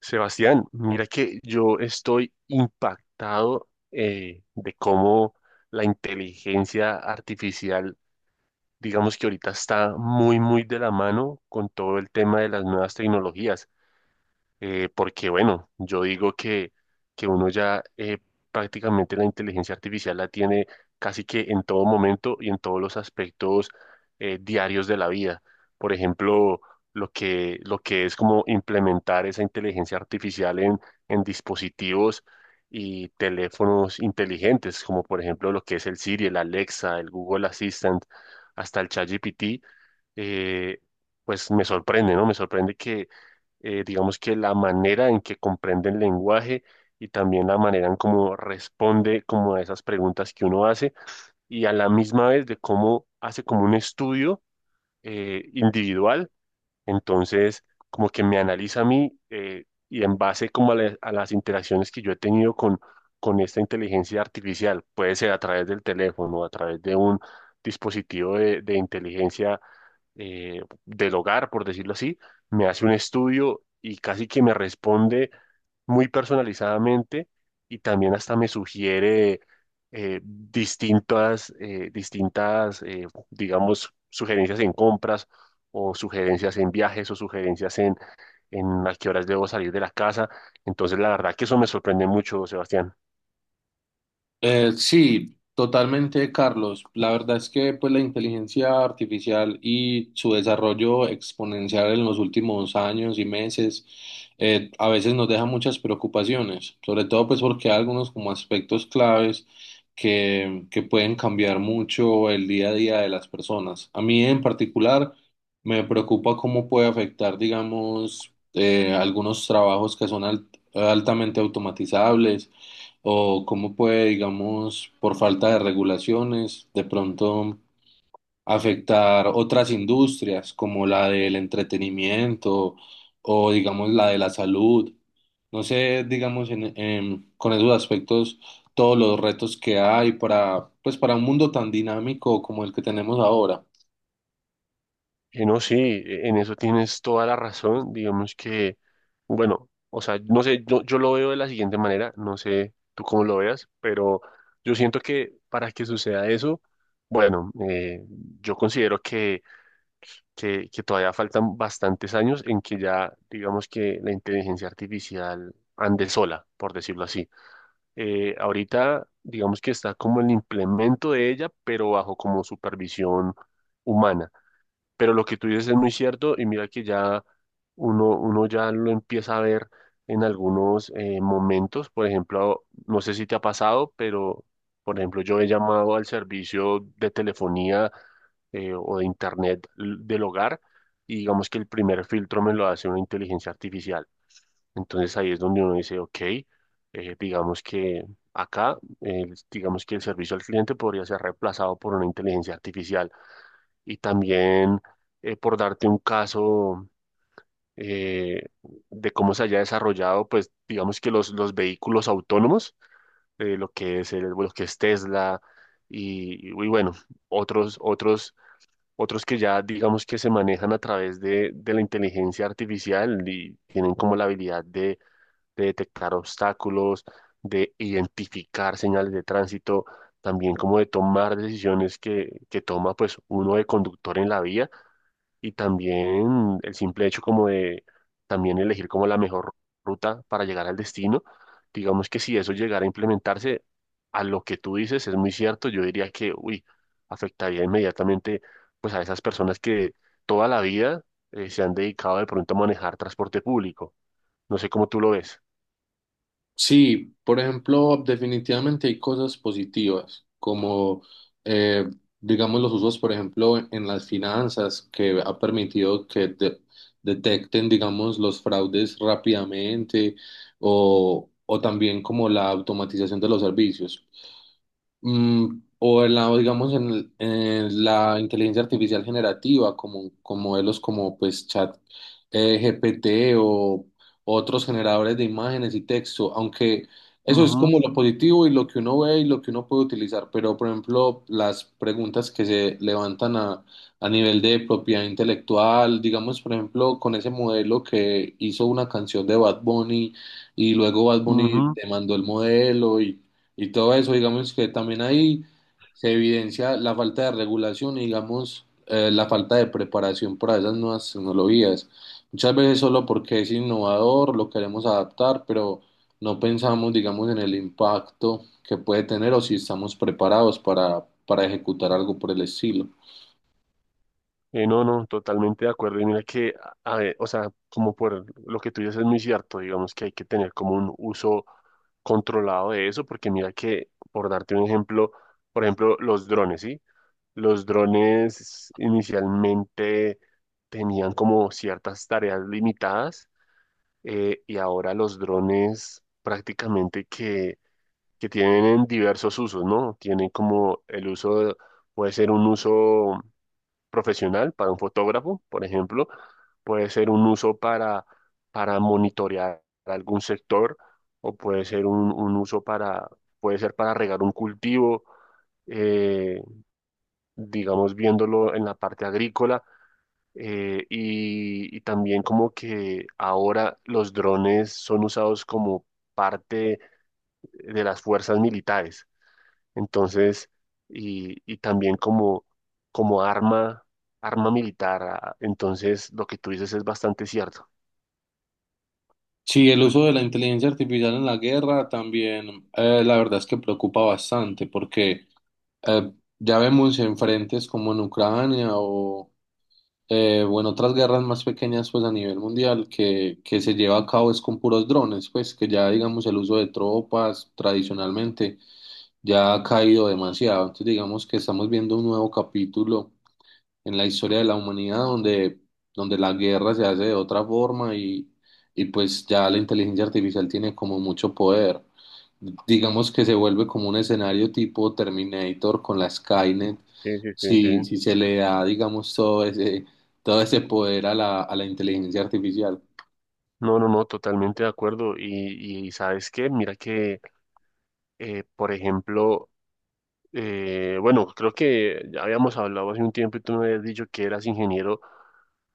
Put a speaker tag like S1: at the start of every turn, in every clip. S1: Sebastián, mira que yo estoy impactado de cómo la inteligencia artificial, digamos que ahorita está muy de la mano con todo el tema de las nuevas tecnologías porque bueno, yo digo que uno ya prácticamente la inteligencia artificial la tiene casi que en todo momento y en todos los aspectos diarios de la vida. Por ejemplo, lo que es como implementar esa inteligencia artificial en dispositivos y teléfonos inteligentes, como por ejemplo lo que es el Siri, el Alexa, el Google Assistant, hasta el ChatGPT, eh, pues me sorprende, ¿no? Me sorprende digamos que la manera en que comprende el lenguaje y también la manera en cómo responde como a esas preguntas que uno hace y a la misma vez de cómo hace como un estudio individual. Entonces, como que me analiza a mí y en base como a las interacciones que yo he tenido con esta inteligencia artificial, puede ser a través del teléfono, a través de un dispositivo de inteligencia del hogar, por decirlo así, me hace un estudio y casi que me responde muy personalizadamente, y también hasta me sugiere distintas digamos, sugerencias en compras o sugerencias en viajes o sugerencias en a qué horas debo salir de la casa. Entonces, la verdad que eso me sorprende mucho, Sebastián.
S2: Sí, totalmente, Carlos. La verdad es que pues, la inteligencia artificial y su desarrollo exponencial en los últimos años y meses a veces nos deja muchas preocupaciones, sobre todo pues porque hay algunos como aspectos claves que pueden cambiar mucho el día a día de las personas. A mí en particular me preocupa cómo puede afectar, digamos, algunos trabajos que son altamente automatizables o cómo puede, digamos, por falta de regulaciones, de pronto afectar otras industrias como la del entretenimiento o, digamos, la de la salud. No sé, digamos, con esos aspectos, todos los retos que hay para, pues, para un mundo tan dinámico como el que tenemos ahora.
S1: No, sí, en eso tienes toda la razón. Digamos que, bueno, o sea, no sé, yo lo veo de la siguiente manera, no sé tú cómo lo veas, pero yo siento que para que suceda eso, bueno, yo considero que todavía faltan bastantes años en que ya, digamos que la inteligencia artificial ande sola, por decirlo así. Ahorita, digamos que está como el implemento de ella, pero bajo como supervisión humana. Pero lo que tú dices es muy cierto y mira que ya uno ya lo empieza a ver en algunos momentos. Por ejemplo, no sé si te ha pasado, pero por ejemplo, yo he llamado al servicio de telefonía o de internet del hogar, y digamos que el primer filtro me lo hace una inteligencia artificial. Entonces ahí es donde uno dice, ok, digamos que acá, digamos que el servicio al cliente podría ser reemplazado por una inteligencia artificial. Y también, por darte un caso eh, de cómo se haya desarrollado, pues digamos que los vehículos autónomos, lo que es Tesla y bueno, otros, otros, otros que ya digamos que se manejan a través de la inteligencia artificial y tienen como la habilidad de detectar obstáculos, de identificar señales de tránsito, también como de tomar decisiones que toma pues uno de conductor en la vía, y también el simple hecho como de también elegir como la mejor ruta para llegar al destino. Digamos que si eso llegara a implementarse, a lo que tú dices es muy cierto, yo diría que, uy, afectaría inmediatamente pues a esas personas que toda la vida se han dedicado de pronto a manejar transporte público. No sé cómo tú lo ves.
S2: Sí, por ejemplo, definitivamente hay cosas positivas, como eh, digamos los usos, por ejemplo, en las finanzas, que ha permitido que detecten, digamos, los fraudes rápidamente o también como la automatización de los servicios. O en la, o digamos, en, en la inteligencia artificial generativa, como, con modelos como pues Chat GPT o otros generadores de imágenes y texto, aunque eso es como lo positivo y lo que uno ve y lo que uno puede utilizar, pero por ejemplo, las preguntas que se levantan a nivel de propiedad intelectual, digamos, por ejemplo, con ese modelo que hizo una canción de Bad Bunny y luego Bad Bunny
S1: Ujú.
S2: demandó el modelo y todo eso, digamos que también ahí se evidencia la falta de regulación y digamos la falta de preparación para esas nuevas tecnologías. Muchas veces solo porque es innovador lo queremos adaptar, pero no pensamos, digamos, en el impacto que puede tener o si estamos preparados para ejecutar algo por el estilo.
S1: No, no, totalmente de acuerdo. Y mira que, a ver, o sea, como por lo que tú dices es muy cierto, digamos que hay que tener como un uso controlado de eso, porque mira que, por darte un ejemplo, por ejemplo, los drones, ¿sí? Los drones inicialmente tenían como ciertas tareas limitadas, y ahora los drones prácticamente que tienen diversos usos, ¿no? Tienen como el uso, puede ser un uso profesional para un fotógrafo, por ejemplo, puede ser un uso para monitorear algún sector, o puede ser un uso para, puede ser para regar un cultivo, eh, digamos, viéndolo en la parte agrícola. Y y también como que ahora los drones son usados como parte de las fuerzas militares. Entonces, y también como, como arma, arma militar. Entonces, lo que tú dices es bastante cierto.
S2: Sí, el uso de la inteligencia artificial en la guerra también, la verdad es que preocupa bastante porque eh, ya vemos en frentes como en Ucrania o en otras guerras más pequeñas pues a nivel mundial que se lleva a cabo es con puros drones, pues que ya digamos el uso de tropas tradicionalmente ya ha caído demasiado. Entonces digamos que estamos viendo un nuevo capítulo en la historia de la humanidad donde la guerra se hace de otra forma y pues ya la inteligencia artificial tiene como mucho poder. Digamos que se vuelve como un escenario tipo Terminator con la Skynet,
S1: Sí, sí, sí, sí.
S2: si se le da, digamos, todo ese poder a a la inteligencia artificial.
S1: No, no, no, totalmente de acuerdo. Y, ¿sabes qué? Mira que, por ejemplo, bueno, creo que ya habíamos hablado hace un tiempo y tú me habías dicho que eras ingeniero,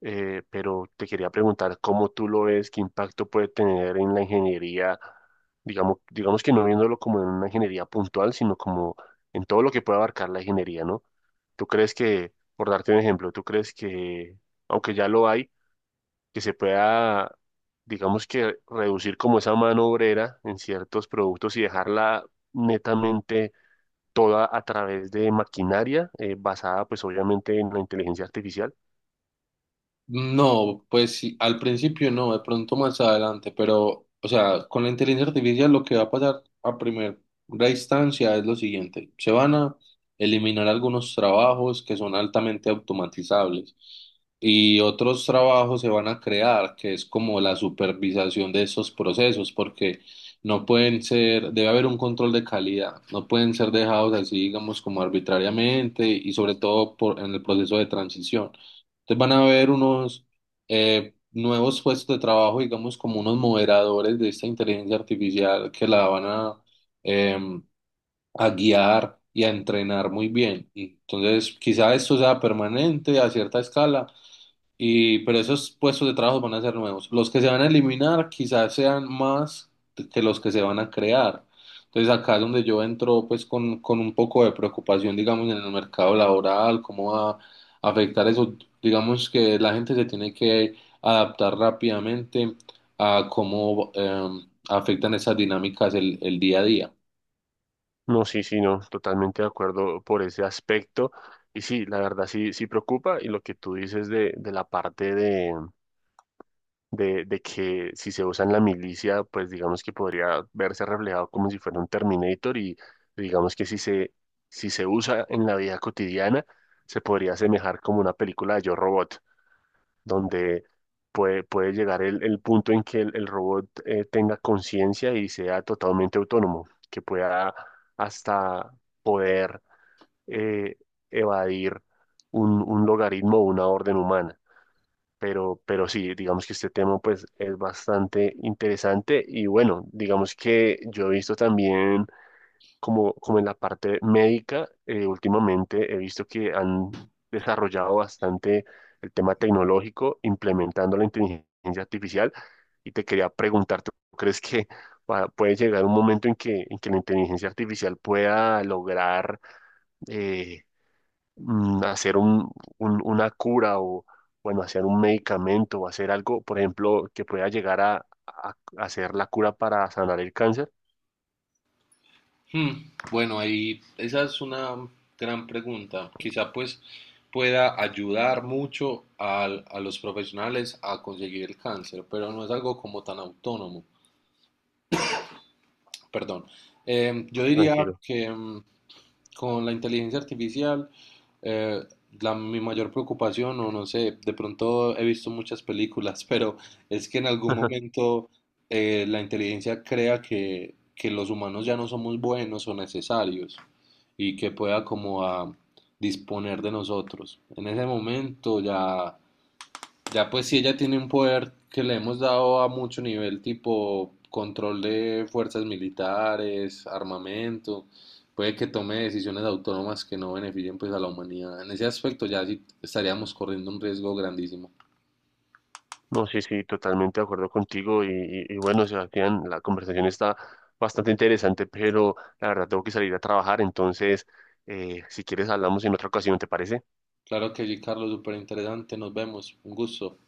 S1: pero te quería preguntar cómo tú lo ves, qué impacto puede tener en la ingeniería, digamos que no viéndolo como en una ingeniería puntual, sino como en todo lo que puede abarcar la ingeniería, ¿no? ¿Tú crees que, por darte un ejemplo, tú crees que, aunque ya lo hay, que se pueda, digamos que reducir como esa mano obrera en ciertos productos y dejarla netamente toda a través de maquinaria basada pues obviamente en la inteligencia artificial?
S2: No, pues sí, al principio no, de pronto más adelante, pero, o sea, con la inteligencia artificial lo que va a pasar a primera instancia es lo siguiente, se van a eliminar algunos trabajos que son altamente automatizables y otros trabajos se van a crear, que es como la supervisación de esos procesos, porque no pueden ser, debe haber un control de calidad, no pueden ser dejados así, digamos, como arbitrariamente y sobre todo por, en el proceso de transición. Entonces van a haber unos nuevos puestos de trabajo, digamos, como unos moderadores de esta inteligencia artificial que la van eh, a guiar y a entrenar muy bien. Y entonces, quizá esto sea permanente a cierta escala y, pero esos puestos de trabajo van a ser nuevos. Los que se van a eliminar quizás sean más que los que se van a crear. Entonces acá es donde yo entro pues con un poco de preocupación, digamos, en el mercado laboral, cómo va a afectar eso. Digamos que la gente se tiene que adaptar rápidamente a cómo afectan esas dinámicas el día a día.
S1: No, sí, sí, no, totalmente de acuerdo por ese aspecto. Y sí, la verdad sí, sí preocupa, y lo que tú dices de la parte de que si se usa en la milicia, pues digamos que podría verse reflejado como si fuera un Terminator, y digamos que si se usa en la vida cotidiana, se podría asemejar como una película de Yo Robot, donde puede llegar el punto en que el robot tenga conciencia y sea totalmente autónomo, que pueda hasta poder eh, evadir un logaritmo o una orden humana. Pero sí, digamos que este tema pues es bastante interesante, y bueno, digamos que yo he visto también como, como en la parte médica, últimamente he visto que han desarrollado bastante el tema tecnológico implementando la inteligencia artificial, y te quería preguntar, ¿tú crees que puede llegar un momento en en que la inteligencia artificial pueda lograr eh, hacer una cura o, bueno, hacer un medicamento o hacer algo, por ejemplo, que pueda llegar a a hacer la cura para sanar el cáncer?
S2: Bueno, ahí esa es una gran pregunta. Quizá pues pueda ayudar mucho a, los profesionales a conseguir el cáncer, pero no es algo como tan autónomo. Perdón. Yo diría
S1: Tranquilo.
S2: que con la inteligencia artificial, eh, la, mi mayor preocupación, o no sé, de pronto he visto muchas películas, pero es que en algún momento la inteligencia crea que los humanos ya no somos buenos o necesarios y que pueda como a disponer de nosotros. En ese momento ya pues si ella tiene un poder que le hemos dado a mucho nivel, tipo control de fuerzas militares, armamento, puede que tome decisiones autónomas que no beneficien pues a la humanidad. En ese aspecto ya sí estaríamos corriendo un riesgo grandísimo.
S1: No, sí, sí, totalmente de acuerdo contigo. Y bueno, Sebastián, la conversación está bastante interesante, pero la verdad tengo que salir a trabajar. Entonces, si quieres, hablamos en otra ocasión, ¿te parece?
S2: Claro que sí, Carlos, súper interesante. Nos vemos. Un gusto.